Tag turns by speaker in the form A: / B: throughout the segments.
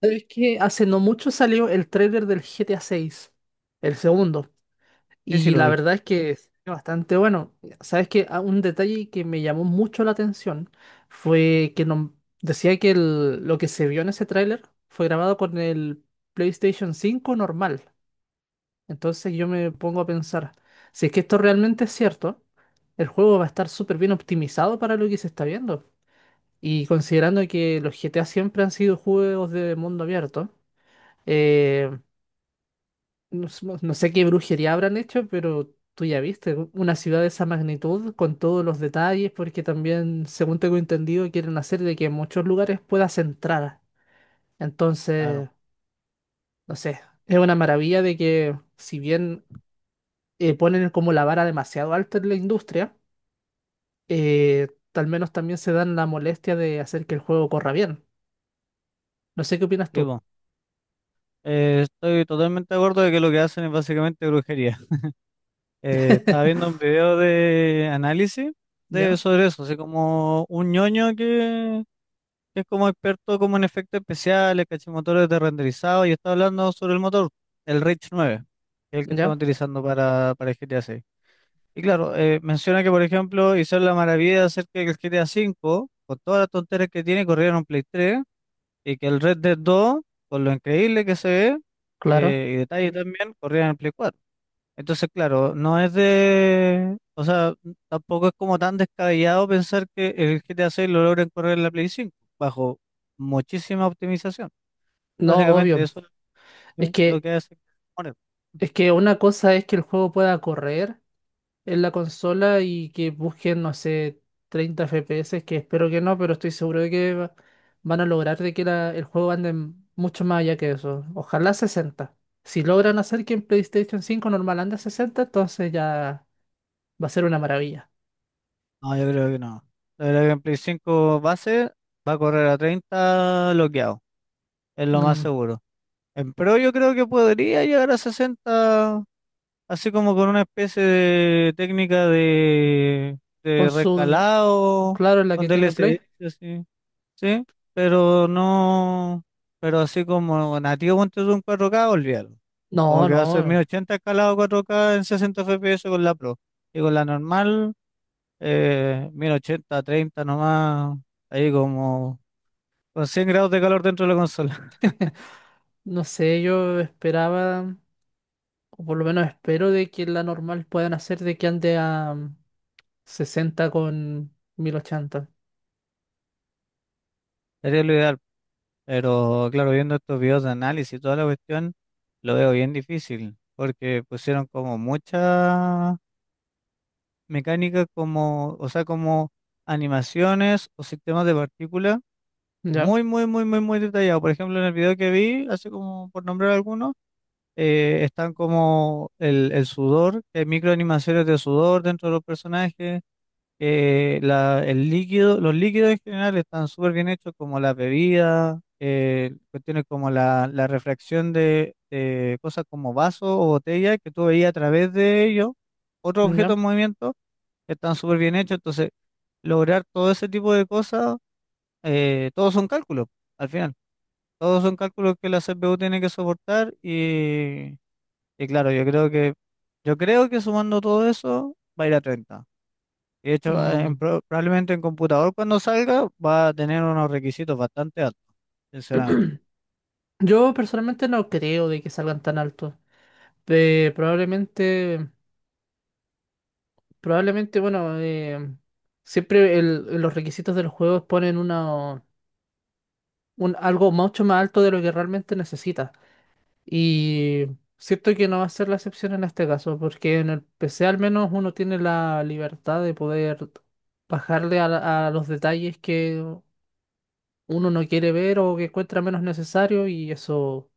A: ¿Sabes que hace no mucho salió el trailer del GTA 6, el segundo,
B: Sí, sí,
A: y
B: lo
A: la
B: vi.
A: verdad es que es bastante bueno? ¿Sabes que un detalle que me llamó mucho la atención fue que decía que lo que se vio en ese tráiler fue grabado con el PlayStation cinco normal? Entonces yo me pongo a pensar, si es que esto realmente es cierto, el juego va a estar súper bien optimizado para lo que se está viendo. Y considerando que los GTA siempre han sido juegos de mundo abierto, eh, no, no sé qué brujería habrán hecho, pero tú ya viste, una ciudad de esa magnitud, con todos los detalles, porque también, según tengo entendido, quieren hacer de que en muchos lugares puedas entrar.
B: Claro.
A: Entonces, no sé, es una maravilla de que, si bien ponen como la vara demasiado alta en la industria, eh, al menos también se dan la molestia de hacer que el juego corra bien. No sé qué opinas tú.
B: Tipo, estoy totalmente de acuerdo de que lo que hacen es básicamente brujería. Estaba viendo un video de análisis
A: ¿Ya?
B: sobre eso, así como un ñoño que es como experto como en efectos especiales, cachimotores de renderizado, y está hablando sobre el motor, el Rich 9, que es el que
A: ¿Ya?
B: estamos utilizando para el GTA 6. Y claro, menciona que, por ejemplo, hicieron la maravilla de hacer que el GTA 5, con todas las tonterías que tiene, corriera en un Play 3. Y que el Red Dead 2, por lo increíble que se ve,
A: Claro.
B: y detalle también, corría en el Play 4. Entonces, claro, no es de... O sea, tampoco es como tan descabellado pensar que el GTA 6 lo logren correr en la Play 5, bajo muchísima optimización.
A: No,
B: Básicamente
A: obvio.
B: eso es lo
A: Es
B: que lo
A: que,
B: que hace. Que
A: es que una cosa es que el juego pueda correr en la consola y que busquen, no sé, 30 FPS, que espero que no, pero estoy seguro de que van a lograr de que el juego ande mucho más allá que eso. Ojalá sesenta. Si logran hacer que en PlayStation cinco normal ande a 60, entonces ya va a ser una maravilla.
B: No, yo creo que no. Yo creo que en Play 5 base va a correr a 30 bloqueado, es lo más
A: Mm,
B: seguro. En Pro yo creo que podría llegar a 60, así como con una especie de técnica de,
A: Con
B: de
A: su,
B: recalado,
A: claro, en la
B: con
A: que tiene Play.
B: DLSS, así, ¿sí? Pero no, pero así como nativo ponte tú un 4K, olvídalo. Como
A: No,
B: que va a ser
A: no,
B: 1080 escalado 4K en 60 FPS con la Pro. Y con la normal, 1080, 30 nomás, ahí como con 100 grados de calor dentro de la consola.
A: no sé, yo esperaba, o por lo menos espero de que la normal puedan hacer de que ande a 60 con 1080.
B: Sería lo ideal. Pero claro, viendo estos videos de análisis y toda la cuestión. Lo veo bien difícil, porque pusieron como mucha mecánica como, o sea, como animaciones o sistemas de partículas
A: ¿Ya?
B: muy, muy, muy, muy, muy detallado. Por ejemplo, en el video que vi, hace como por nombrar algunos, están como el sudor, que hay microanimaciones de sudor dentro de los personajes, el líquido, los líquidos en general están súper bien hechos, como las bebidas, cuestiones como la refracción de cosas como vasos o botellas que tú veías a través de ellos, otros
A: ¿Ya?
B: objetos en movimiento, están súper bien hechos. Entonces, lograr todo ese tipo de cosas, todos son cálculos, al final. Todos son cálculos que la CPU tiene que soportar y claro, yo creo que sumando todo eso va a ir a 30. De hecho,
A: Mm.
B: probablemente en computador cuando salga va a tener unos requisitos bastante altos, sinceramente.
A: Yo personalmente no creo de que salgan tan altos. Eh, probablemente, probablemente, bueno, siempre en los requisitos de los juegos ponen algo mucho más alto de lo que realmente necesitas. Y siento que no va a ser la excepción en este caso, porque en el PC al menos uno tiene la libertad de poder bajarle a, a los detalles que uno no quiere ver o que encuentra menos necesario, y eso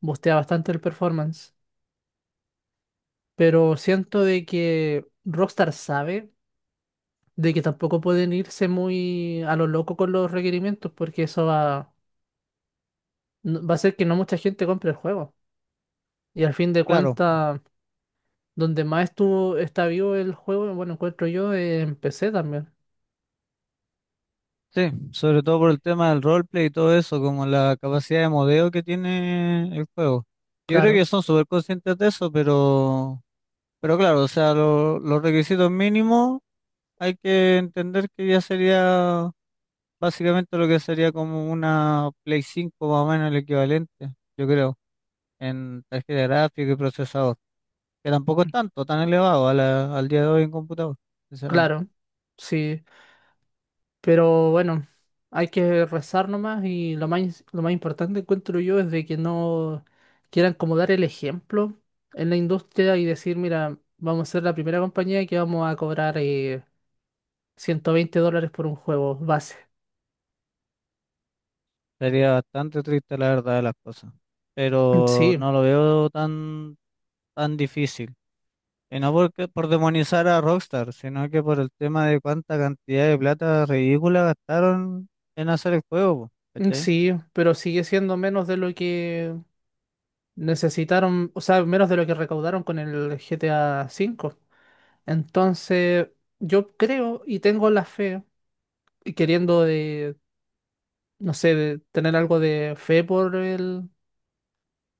A: boostea bastante el performance. Pero siento de que Rockstar sabe de que tampoco pueden irse muy a lo loco con los requerimientos, porque eso va, va a hacer que no mucha gente compre el juego. Y al fin de
B: Claro,
A: cuentas, donde más estuvo, está vivo el juego, bueno, encuentro yo, en PC también.
B: sí, sobre todo por el tema del roleplay y todo eso, como la capacidad de modeo que tiene el juego. Yo creo
A: Claro,
B: que son súper conscientes de eso, pero claro, o sea, los requisitos mínimos hay que entender que ya sería básicamente lo que sería como una Play cinco más o menos el equivalente, yo creo, en tarjeta gráfica y procesador. Que tampoco es tanto, tan elevado al día de hoy en computador, sinceramente.
A: claro, sí. Pero bueno, hay que rezar nomás y lo más importante encuentro yo es de que no quieran como dar el ejemplo en la industria y decir, mira, vamos a ser la primera compañía que vamos a cobrar $120 por un juego base.
B: Sería bastante triste la verdad de las cosas,
A: Mm,
B: pero
A: sí,
B: no lo veo tan difícil. Y no porque, por demonizar a Rockstar, sino que por el tema de cuánta cantidad de plata ridícula gastaron en hacer el juego, po,
A: mm,
B: ¿cachai?
A: sí, pero sigue siendo menos de lo que necesitaron, o sea, menos de lo que recaudaron con el GTA 5. Entonces, yo creo y tengo la fe, y queriendo de, no sé, de tener algo de fe por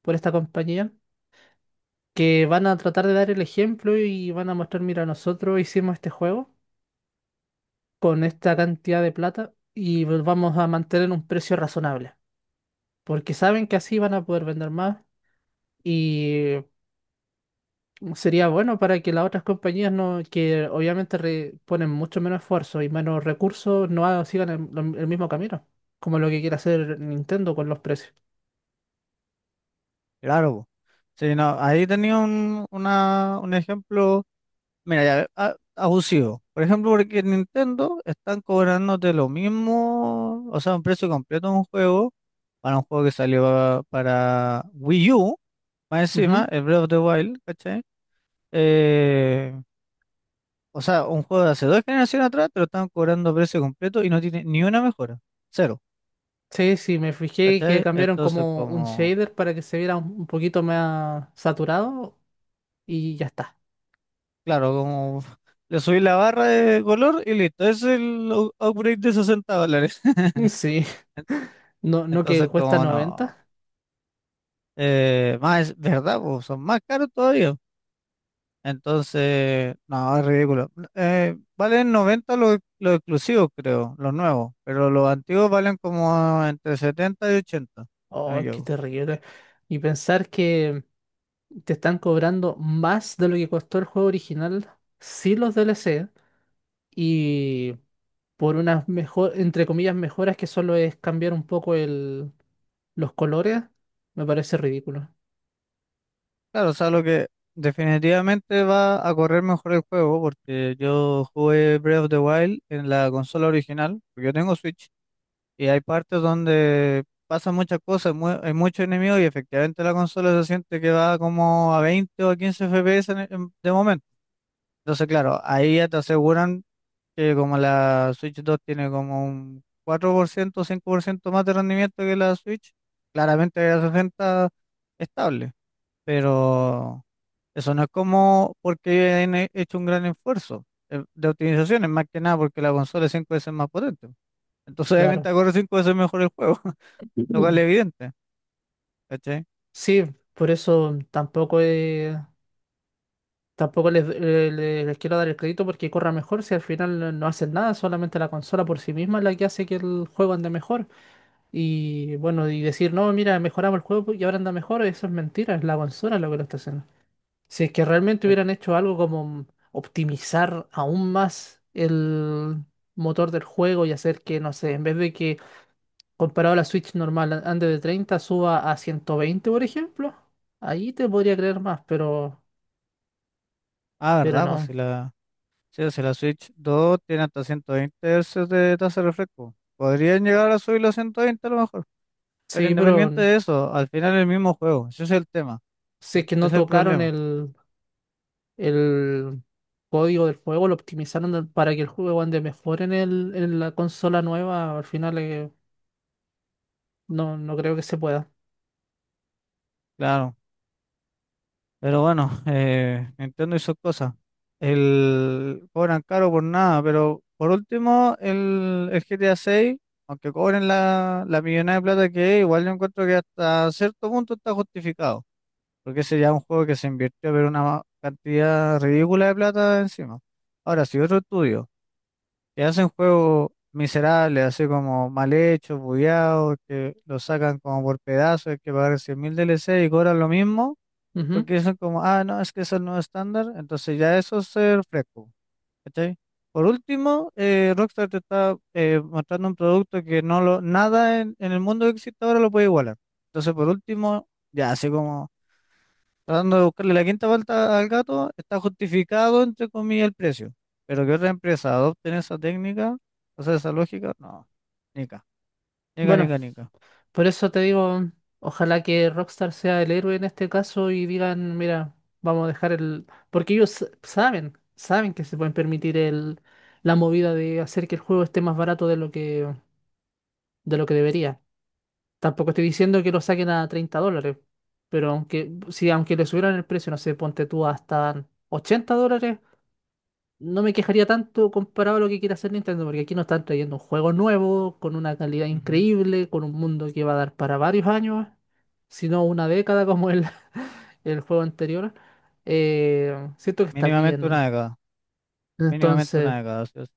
A: por esta compañía, que van a tratar de dar el ejemplo y van a mostrar, mira, nosotros hicimos este juego con esta cantidad de plata y vamos a mantener un precio razonable, porque saben que así van a poder vender más, y sería bueno para que las otras compañías no, que obviamente ponen mucho menos esfuerzo y menos recursos, no ha- sigan el mismo camino, como lo que quiere hacer Nintendo con los precios.
B: Claro, po. Sí, no, ahí tenía un ejemplo, mira, ya, abusivo. Por ejemplo, porque en Nintendo están cobrándote lo mismo, o sea, un precio completo de un juego para un juego que salió para Wii U, más encima, el Breath of the Wild, ¿cachai? Eh, o sea, un juego de hace dos generaciones atrás te lo están cobrando a precio completo y no tiene ni una mejora, cero,
A: Sí, sí, me fijé que
B: ¿cachai?
A: cambiaron
B: Entonces,
A: como un
B: como,
A: shader para que se viera un poquito más saturado y ya está.
B: claro, como le subí la barra de color y listo, es el upgrade de $60.
A: Sí, no, no, que
B: Entonces,
A: cuesta
B: como no,
A: 90.
B: más, ¿verdad? Po, son más caros todavía. Entonces, no, es ridículo. Valen 90 los exclusivos, creo, los nuevos, pero los antiguos valen como entre 70 y 80 si no me
A: Oh, qué
B: equivoco.
A: terrible. Y pensar que te están cobrando más de lo que costó el juego original, sí los DLC, y por unas entre comillas, mejoras que solo es cambiar un poco los colores, me parece ridículo.
B: Claro, o sea, lo que definitivamente va a correr mejor el juego, porque yo jugué Breath of the Wild en la consola original, porque yo tengo Switch, y hay partes donde pasan muchas cosas, hay muchos enemigos, y efectivamente la consola se siente que va como a 20 o a 15 FPS de momento. Entonces, claro, ahí ya te aseguran que como la Switch 2 tiene como un 4% o 5% más de rendimiento que la Switch, claramente la 60 estable, pero eso no es como porque hecho un gran esfuerzo de optimizaciones, más que nada porque la consola es 5 veces más potente. Entonces obviamente
A: Claro.
B: corre 5 veces mejor el juego, lo cual
A: Mm.
B: es evidente, ¿cachai?
A: Sí, por eso tampoco es. Tampoco les, les quiero dar el crédito porque corra mejor si al final no hacen nada, solamente la consola por sí misma es la que hace que el juego ande mejor. Y bueno, y decir, no, mira, mejoramos el juego y ahora anda mejor, eso es mentira, es la consola lo que lo está haciendo. Si es que realmente
B: Eh,
A: hubieran hecho algo como optimizar aún más el motor del juego y hacer que, no sé, en vez de que, comparado a la Switch normal, ande de 30 suba a 120 por ejemplo, ahí te podría creer más,
B: Ah,
A: pero
B: ¿verdad? Pues
A: no.
B: si la, sí, pues si la Switch 2 tiene hasta 120 Hz de tasa de refresco, podrían llegar a subirlo a 120 a lo mejor. Pero
A: Sí, pero...
B: independiente de eso, al final es el mismo juego, ese es el tema,
A: Si
B: ¿sí?
A: es que
B: Ese
A: no
B: es el
A: tocaron
B: problema,
A: el código del juego, lo optimizaron para que el juego ande mejor en, en la consola nueva, al final no, no creo que se pueda.
B: claro. Pero bueno, Nintendo hizo cosas. Cobran caro por nada, pero por último, el GTA 6, aunque cobren la millonada de plata que es, igual yo encuentro que hasta cierto punto está justificado, porque ese ya es un juego que se invirtió, pero una cantidad ridícula de plata encima. Ahora, si otro estudio y hacen juegos miserables, así como mal hechos, bugueados, que los sacan como por pedazos, hay que pagar 100.000 DLC y cobran lo mismo,
A: Ujú.
B: porque dicen como, ah, no, es que es el nuevo estándar, entonces ya eso es ser fresco, ¿cachai? Por último, Rockstar te está mostrando un producto que no lo, nada en el mundo que existe ahora lo puede igualar. Entonces, por último, ya, así como tratando de buscarle la quinta vuelta al gato, está justificado, entre comillas, el precio. Pero que otra empresa adopten esa técnica, o sea, esa lógica, no. Nica, nica,
A: Bueno,
B: nica, nica.
A: por eso te digo, ojalá que Rockstar sea el héroe en este caso y digan, mira, vamos a dejar el... Porque ellos saben que se pueden permitir la movida de hacer que el juego esté más barato de lo que debería. Tampoco estoy diciendo que lo saquen a $30, pero aunque, si aunque le subieran el precio, no sé, ponte tú hasta $80, no me quejaría tanto comparado a lo que quiere hacer Nintendo, porque aquí nos están trayendo un juego nuevo, con una calidad
B: Ujú.
A: increíble, con un mundo que va a dar para varios años, si no una década como el juego anterior. Siento que está
B: Mínimamente
A: bien.
B: una década, mínimamente
A: Entonces...
B: una década. Así es.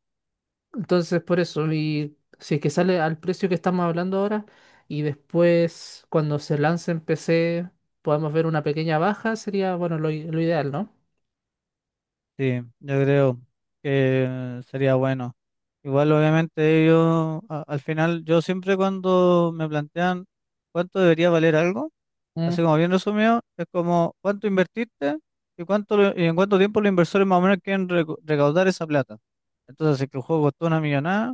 A: Entonces, por eso, y si es que sale al precio que estamos hablando ahora, y después cuando se lance en PC podamos ver una pequeña baja, sería, bueno, lo ideal, ¿no?
B: Sí, yo creo que sería bueno. Igual, obviamente, ellos, al final, yo siempre cuando me plantean cuánto debería valer algo,
A: Mm,
B: así como bien resumido, es como cuánto invertiste y en cuánto tiempo los inversores más o menos quieren recaudar esa plata. Entonces, si es que el juego costó una millonada,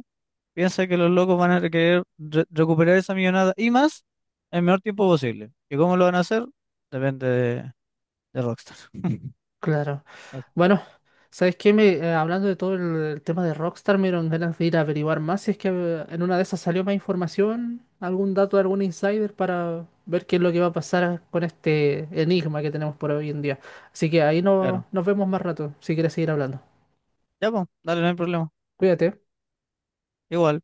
B: piensa que los locos van a querer recuperar esa millonada y más en el menor tiempo posible. ¿Y cómo lo van a hacer? Depende de Rockstar.
A: claro.
B: Ah,
A: Bueno, ¿sabes qué? Me, hablando de todo el tema de Rockstar, me dieron ganas de ir a averiguar más si es que en una de esas salió más información, algún dato de algún insider para ver qué es lo que va a pasar con este enigma que tenemos por hoy en día. Así que ahí no,
B: claro.
A: nos vemos más rato, si quieres seguir hablando.
B: Ya, pues, dale, no hay problema.
A: Cuídate.
B: Igual.